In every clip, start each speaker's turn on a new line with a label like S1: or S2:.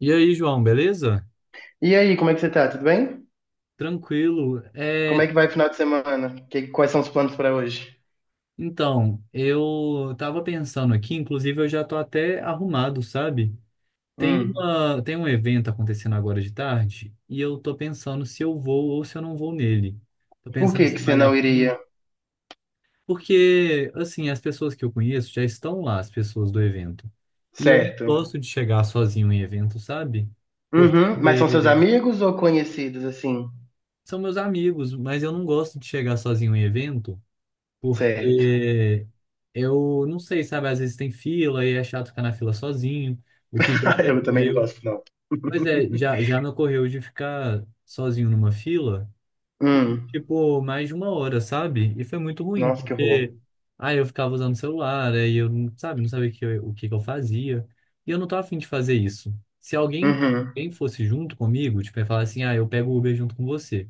S1: E aí, João, beleza?
S2: E aí, como é que você tá? Tudo bem?
S1: Tranquilo.
S2: Como é que vai o final de semana? Quais são os planos para hoje?
S1: Então, eu tava pensando aqui, inclusive eu já tô até arrumado, sabe?
S2: Hum.
S1: Tem um evento acontecendo agora de tarde e eu tô pensando se eu vou ou se eu não vou nele. Tô
S2: Por
S1: pensando
S2: que que
S1: se
S2: você
S1: vale a
S2: não
S1: pena,
S2: iria?
S1: porque assim, as pessoas que eu conheço já estão lá, as pessoas do evento. E eu não
S2: Certo.
S1: gosto de chegar sozinho em evento, sabe?
S2: Uhum. Mas são seus
S1: Porque
S2: amigos ou conhecidos, assim?
S1: são meus amigos, mas eu não gosto de chegar sozinho em evento
S2: Certo.
S1: porque eu não sei, sabe? Às vezes tem fila e é chato ficar na fila sozinho, o que já me
S2: Eu também não
S1: ocorreu.
S2: gosto, não.
S1: Pois é, já me ocorreu de ficar sozinho numa fila,
S2: Hum.
S1: tipo, mais de uma hora, sabe? E foi muito ruim,
S2: Nossa, que horror.
S1: porque aí eu ficava usando o celular, aí eu, não- sabe, não sabia o que que eu fazia. E eu não tava afim de fazer isso. Se alguém,
S2: Uhum.
S1: alguém fosse junto comigo, tipo, ia falar assim, ah, eu pego o Uber junto com você.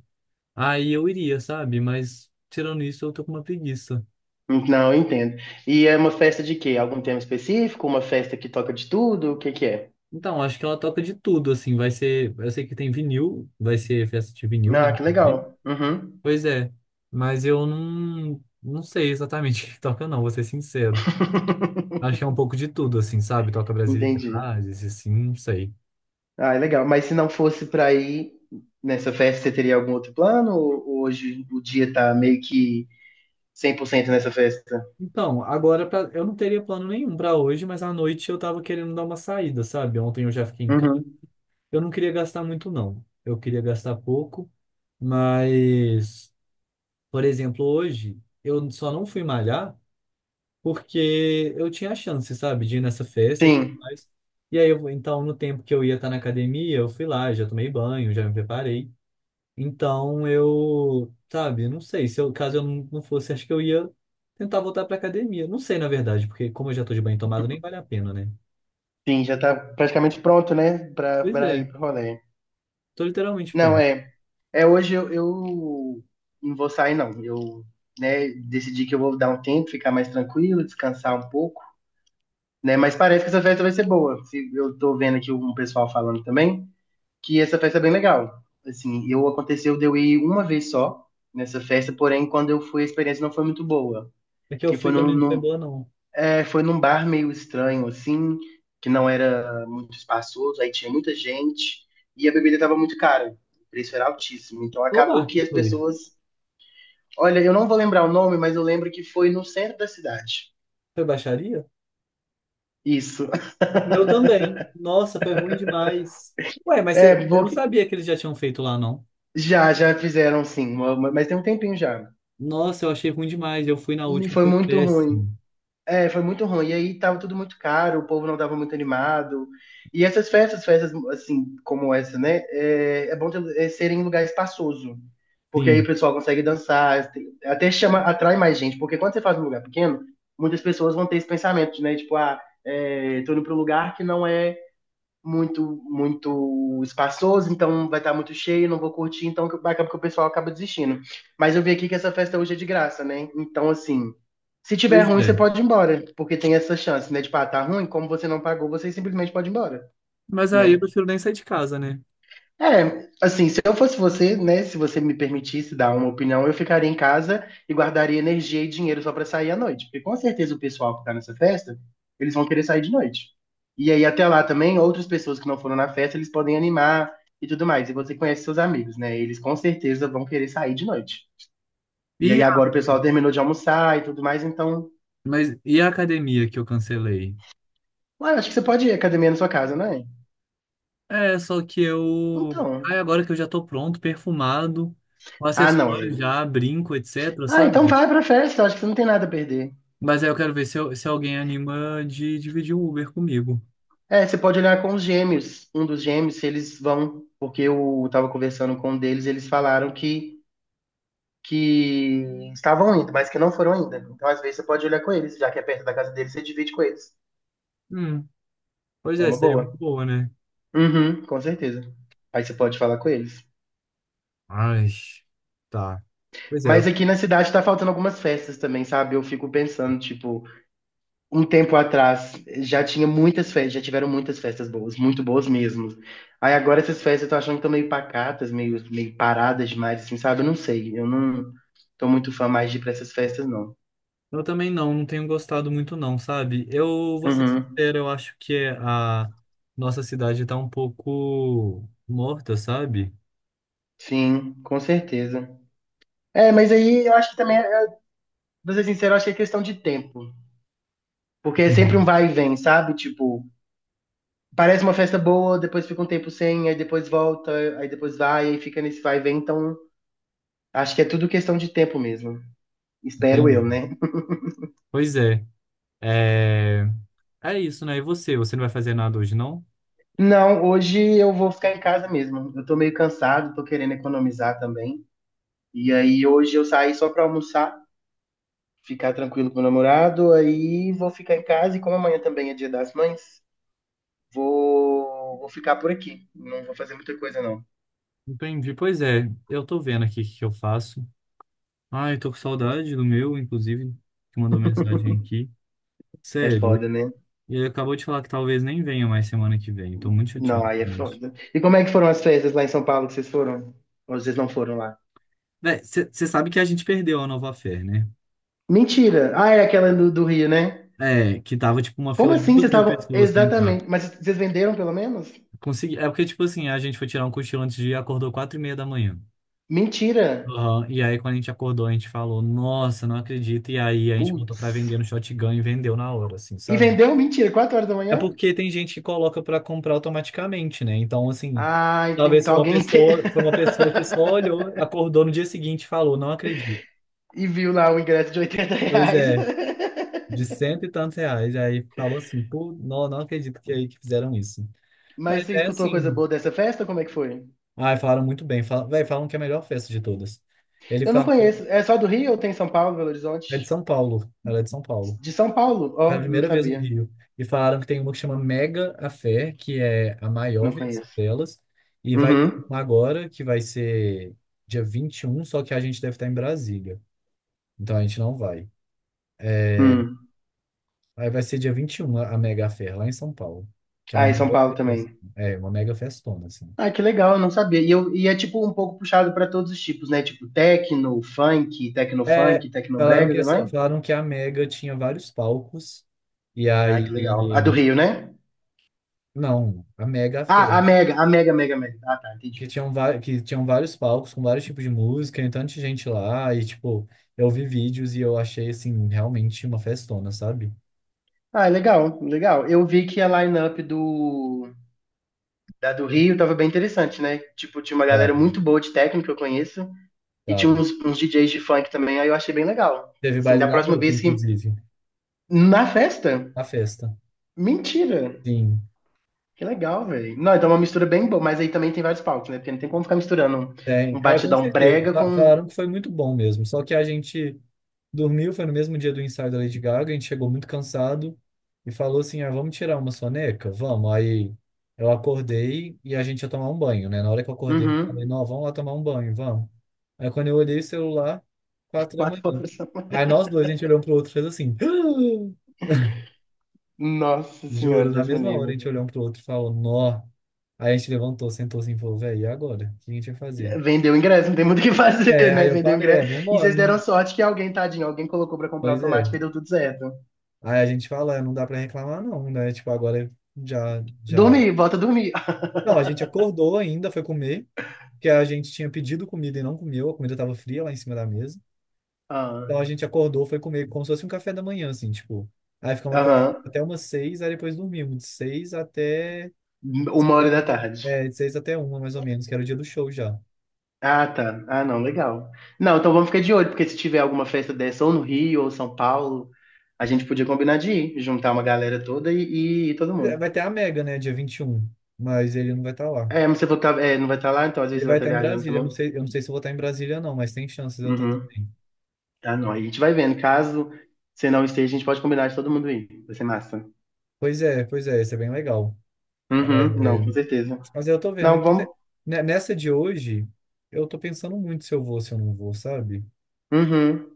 S1: Aí eu iria, sabe? Mas tirando isso, eu tô com uma preguiça.
S2: Não, eu entendo. E é uma festa de quê? Algum tema específico? Uma festa que toca de tudo? O que que é?
S1: Então, acho que ela toca de tudo, assim, vai ser, eu sei que tem vinil, vai ser festa de vinil, né?
S2: Ah, que legal. Uhum.
S1: Pois é, mas eu não sei exatamente o que toca não, vou ser sincero. Acho que é um pouco de tudo, assim, sabe? Toca
S2: Entendi.
S1: brasilidades, assim, não sei.
S2: Ah, é legal. Mas se não fosse para ir nessa festa, você teria algum outro plano? Ou hoje o dia tá meio que 100% nessa festa?
S1: Então, eu não teria plano nenhum pra hoje, mas à noite eu tava querendo dar uma saída, sabe? Ontem eu já fiquei em casa.
S2: Uhum.
S1: Eu não queria gastar muito, não. Eu queria gastar pouco, mas, por exemplo, hoje eu só não fui malhar porque eu tinha a chance, sabe, de ir nessa festa e tudo
S2: Sim,
S1: mais. E aí, eu, então, no tempo que eu ia estar na academia, eu fui lá, já tomei banho, já me preparei. Então, eu, sabe, não sei, se eu, caso eu não fosse, acho que eu ia tentar voltar pra academia. Não sei, na verdade, porque como eu já tô de banho tomado, nem vale a pena, né?
S2: sim, já tá praticamente pronto, né? Pra,
S1: Pois
S2: pra
S1: é,
S2: ir pro rolê.
S1: tô literalmente
S2: Não,
S1: pronto.
S2: é. É hoje eu não vou sair, não. Eu, né, decidi que eu vou dar um tempo, ficar mais tranquilo, descansar um pouco, né? Mas parece que essa festa vai ser boa. Eu tô vendo aqui um pessoal falando também, que essa festa é bem legal. Assim, eu aconteceu de eu ir uma vez só nessa festa, porém, quando eu fui, a experiência não foi muito boa.
S1: É que eu
S2: Que foi
S1: fui também não foi boa, não.
S2: é, foi num bar meio estranho, assim, que não era muito espaçoso, aí tinha muita gente e a bebida estava muito cara. O preço era altíssimo. Então
S1: Qual
S2: acabou
S1: bar que
S2: que as
S1: foi?
S2: pessoas. Olha, eu não vou lembrar o nome, mas eu lembro que foi no centro da cidade.
S1: Foi baixaria?
S2: Isso.
S1: O meu também. Nossa, foi ruim demais. Ué, mas
S2: É,
S1: eu não
S2: porque
S1: sabia que eles já tinham feito lá, não.
S2: já fizeram sim, mas tem um tempinho já.
S1: Nossa, eu achei ruim demais. Eu fui na
S2: E
S1: última,
S2: foi
S1: foi
S2: muito ruim.
S1: péssimo.
S2: É, foi muito ruim. E aí tava tudo muito caro, o povo não tava muito animado. E essas festas, festas assim, como essa, né? É bom ter, ser em lugar espaçoso. Porque aí o
S1: Sim,
S2: pessoal consegue dançar, até chama, atrai mais gente. Porque quando você faz um lugar pequeno, muitas pessoas vão ter esse pensamento, né? Tipo, ah, tô indo pra um lugar que não é muito muito espaçoso, então vai estar muito cheio, não vou curtir, então acaba que o pessoal acaba desistindo. Mas eu vi aqui que essa festa hoje é de graça, né? Então, assim, se tiver
S1: pois
S2: ruim, você
S1: é.
S2: pode ir embora, porque tem essa chance, né? Tipo, ah, tá ruim, como você não pagou, você simplesmente pode ir embora,
S1: Mas aí eu
S2: né?
S1: prefiro nem sair de casa, né?
S2: É, assim, se eu fosse você, né, se você me permitisse dar uma opinião, eu ficaria em casa e guardaria energia e dinheiro só pra sair à noite, porque com certeza o pessoal que tá nessa festa, eles vão querer sair de noite. E aí até lá também, outras pessoas que não foram na festa, eles podem animar e tudo mais. E você conhece seus amigos, né? Eles com certeza vão querer sair de noite. E aí
S1: E a,
S2: agora o pessoal terminou de almoçar e tudo mais, então,
S1: mas, e a academia que eu cancelei?
S2: ué, acho que você pode ir à academia na sua casa, não é?
S1: É, só que eu.
S2: Então,
S1: Ai, agora que eu já tô pronto, perfumado, com
S2: ah, não,
S1: acessórios
S2: eu.
S1: já, brinco, etc,
S2: Ah, então
S1: sabe?
S2: vai pra festa, acho que você não tem nada a perder.
S1: Mas aí eu quero ver se alguém anima de dividir o Uber comigo.
S2: É, você pode olhar com os gêmeos. Um dos gêmeos, se eles vão, porque eu estava conversando com um deles, eles falaram que estavam indo, mas que não foram ainda. Então, às vezes, você pode olhar com eles, já que é perto da casa deles, você divide com eles.
S1: Hum, pois
S2: É
S1: é,
S2: uma
S1: seria muito
S2: boa.
S1: boa, né?
S2: Uhum, com certeza. Aí você pode falar com eles.
S1: Ai, tá. Pois é,
S2: Mas aqui na cidade tá faltando algumas festas também, sabe? Eu fico pensando, tipo, um tempo atrás já tinha muitas festas, já tiveram muitas festas boas, muito boas mesmo. Aí agora essas festas eu tô achando que estão meio pacatas, meio paradas demais, assim, sabe? Eu não sei, eu não tô muito fã mais de ir pra essas festas, não.
S1: eu também não tenho gostado muito não, sabe? Eu vou ser
S2: Uhum,
S1: sincero, eu acho que a nossa cidade tá um pouco morta, sabe?
S2: sim, com certeza. É, mas aí eu acho que também, pra ser sincero, eu acho que é questão de tempo. Porque é sempre um
S1: Uhum.
S2: vai e vem, sabe? Tipo, parece uma festa boa, depois fica um tempo sem, aí depois volta, aí depois vai, aí fica nesse vai e vem. Então, acho que é tudo questão de tempo mesmo. Espero eu,
S1: Entendi.
S2: né?
S1: Pois é. É, é isso, né? E você? Você não vai fazer nada hoje, não?
S2: Não, hoje eu vou ficar em casa mesmo. Eu tô meio cansado, tô querendo economizar também. E aí hoje eu saí só pra almoçar, ficar tranquilo com o namorado, aí vou ficar em casa e como amanhã também é Dia das Mães, vou ficar por aqui. Não vou fazer muita coisa não.
S1: Entendi. Pois é, eu tô vendo aqui o que que eu faço. Ai, tô com saudade do meu, inclusive, que mandou mensagem aqui.
S2: É
S1: Sério.
S2: foda, né?
S1: E ele acabou de falar que talvez nem venha mais semana que vem. Tô muito
S2: Não,
S1: chateado
S2: aí é
S1: com isso.
S2: foda. E como é que foram as festas lá em São Paulo que vocês foram? Ou vocês não foram lá?
S1: Você sabe que a gente perdeu a Nova Fé, né?
S2: Mentira. Ah, é aquela do Rio, né?
S1: É, que tava tipo uma
S2: Como
S1: fila de
S2: assim? Vocês
S1: duas mil
S2: estavam
S1: pessoas pra entrar.
S2: exatamente, mas vocês venderam pelo menos?
S1: Consegui... É porque, tipo assim, a gente foi tirar um cochilo antes de ir, acordou 4:30 da manhã.
S2: Mentira.
S1: Aham, e aí, quando a gente acordou, a gente falou, nossa, não acredito. E aí, a gente botou pra
S2: Putz.
S1: vender no Shotgun e vendeu na hora, assim,
S2: E
S1: sabe?
S2: vendeu? Mentira, 4 horas da
S1: É
S2: manhã?
S1: porque tem gente que coloca pra comprar automaticamente, né? Então, assim,
S2: Ah, entendi.
S1: talvez foi
S2: Então
S1: uma
S2: alguém.
S1: pessoa, foi uma pessoa que só olhou, acordou no dia seguinte e falou, não acredito.
S2: E viu lá o ingresso de 80
S1: Pois
S2: reais.
S1: é, de cento e tantos reais. Aí falou assim, pô, não, não acredito que é aí que fizeram isso.
S2: Mas
S1: Mas
S2: você
S1: é
S2: escutou coisa
S1: assim.
S2: boa dessa festa? Como é que foi?
S1: Ai, falaram muito bem. Falam, véi, falam que é a melhor festa de todas. Ele
S2: Eu não
S1: falou,
S2: conheço. É só do Rio ou tem São Paulo, Belo
S1: é de
S2: Horizonte?
S1: São Paulo. Ela é de São Paulo.
S2: De São Paulo?
S1: Foi a
S2: Ó, não
S1: primeira vez no
S2: sabia.
S1: Rio. E falaram que tem uma que chama Mega a Fé, que é a maior
S2: Não
S1: versão
S2: conheço.
S1: delas. E vai ter
S2: Uhum.
S1: uma agora, que vai ser dia 21. Só que a gente deve estar em Brasília. Então a gente não vai.
S2: Hum.
S1: Aí vai ser dia 21 a Mega a Fé, lá em São Paulo. Que é
S2: Ah,
S1: uma
S2: e São Paulo
S1: mega fest-
S2: também.
S1: é, uma mega festona, assim.
S2: Ah, que legal, eu não sabia. E é tipo um pouco puxado pra todos os tipos, né? Tipo techno,
S1: É,
S2: funk, tecno
S1: falaram
S2: brega,
S1: que
S2: não
S1: essa,
S2: é?
S1: falaram que a Mega tinha vários palcos. E
S2: Ah,
S1: aí
S2: que legal. A do Rio, né?
S1: Não, a Mega
S2: Ah,
S1: Fê.
S2: a Mega, Mega, Mega. Ah, tá, entendi.
S1: Que tinham vários palcos com vários tipos de música e tanta gente lá. E, tipo, eu vi vídeos e eu achei, assim, realmente uma festona, sabe?
S2: Ah, legal, legal. Eu vi que a line-up da do Rio tava bem interessante, né? Tipo, tinha uma galera
S1: Tava,
S2: muito boa de técnico que eu conheço e tinha
S1: tava.
S2: uns DJs de funk também, aí eu achei bem legal.
S1: Teve
S2: Assim,
S1: baile
S2: da
S1: da
S2: próxima
S1: Boca,
S2: vez que...
S1: inclusive,
S2: Na festa?
S1: a festa.
S2: Mentira!
S1: Sim,
S2: Que legal, velho. Não, então é uma mistura bem boa, mas aí também tem vários palcos, né? Porque não tem como ficar misturando um,
S1: tem.
S2: um
S1: É, com
S2: batidão
S1: certeza.
S2: brega
S1: Fa-
S2: com...
S1: Falaram que foi muito bom mesmo. Só que a gente dormiu, foi no mesmo dia do ensaio da Lady Gaga, a gente chegou muito cansado e falou assim, ah, vamos tirar uma soneca? Vamos. Aí eu acordei e a gente ia tomar um banho, né? Na hora que eu acordei, eu falei,
S2: Uhum.
S1: não, vamos lá tomar um banho, vamos. Aí quando eu olhei o celular, quatro da
S2: Quatro
S1: manhã.
S2: horas.
S1: Aí nós dois, a gente olhou um pro outro e fez assim,
S2: Nossa senhora,
S1: juro, na
S2: Deus me
S1: mesma hora a
S2: livre.
S1: gente olhou um pro outro e falou, nó. Aí a gente levantou, sentou assim e falou, velho, e agora? O que a gente vai fazer?
S2: Vendeu o ingresso, não tem muito o que fazer,
S1: É,
S2: né?
S1: aí eu
S2: Vendeu o
S1: falei, é,
S2: ingresso. E
S1: vambora.
S2: vocês deram sorte que alguém, tadinho, alguém colocou pra comprar
S1: Pois é.
S2: automático e deu tudo certo.
S1: Aí a gente fala, "É, não dá pra reclamar não, né? Tipo, agora já, já...
S2: Dormi, volta a dormir.
S1: Não, a gente acordou ainda, foi comer, que a gente tinha pedido comida e não comeu, a comida tava fria lá em cima da mesa. Então a
S2: Ah,
S1: gente acordou, foi comer como se fosse um café da manhã, assim, tipo... Aí ficamos
S2: aham.
S1: até umas seis, aí depois dormimos, de seis até...
S2: Uma hora da tarde.
S1: De seis até uma, mais ou menos, que era o dia do show já.
S2: Ah, tá. Ah, não, legal. Não, então vamos ficar de olho, porque se tiver alguma festa dessa, ou no Rio, ou São Paulo, a gente podia combinar de ir, juntar uma galera toda e ir todo
S1: É,
S2: mundo.
S1: vai ter a Mega, né, dia 21, mas ele não vai estar lá.
S2: É, mas você não vai estar lá, então às vezes
S1: Ele
S2: você vai
S1: vai
S2: estar
S1: estar em
S2: viajando
S1: Brasília, eu
S2: também.
S1: não sei, eu não sei se eu vou estar em Brasília não, mas tem chances de eu estar
S2: Uhum.
S1: também.
S2: Tá, não. Aí a gente vai vendo. Caso você não esteja, a gente pode combinar de todo mundo ir. Vai ser massa.
S1: Pois é, isso é bem legal.
S2: Uhum, não, com certeza.
S1: Mas eu tô vendo.
S2: Não,
S1: Então, você-
S2: vamos.
S1: ne- nessa de hoje, eu tô pensando muito se eu vou, se eu não vou, sabe?
S2: Uhum.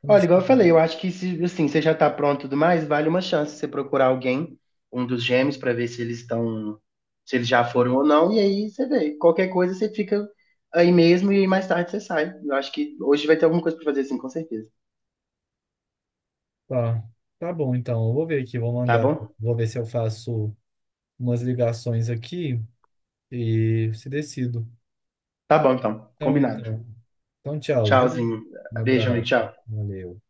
S1: Tô
S2: Olha,
S1: nessa-
S2: igual eu falei, eu acho que se assim, você já tá pronto e tudo mais, vale uma chance você procurar alguém, um dos gêmeos, pra ver se eles estão, se eles já foram ou não, e aí você vê. Qualquer coisa você fica aí mesmo e mais tarde você sai. Eu acho que hoje vai ter alguma coisa pra fazer assim, com certeza.
S1: Tá, tá bom, então. Eu vou ver aqui, vou
S2: Tá
S1: mandar.
S2: bom?
S1: Vou ver se eu faço umas ligações aqui e se decido.
S2: Tá bom, então.
S1: Então,
S2: Combinado.
S1: então. Então, tchau, viu?
S2: Tchauzinho.
S1: Um
S2: Beijo, amigo.
S1: abraço.
S2: Tchau.
S1: Valeu.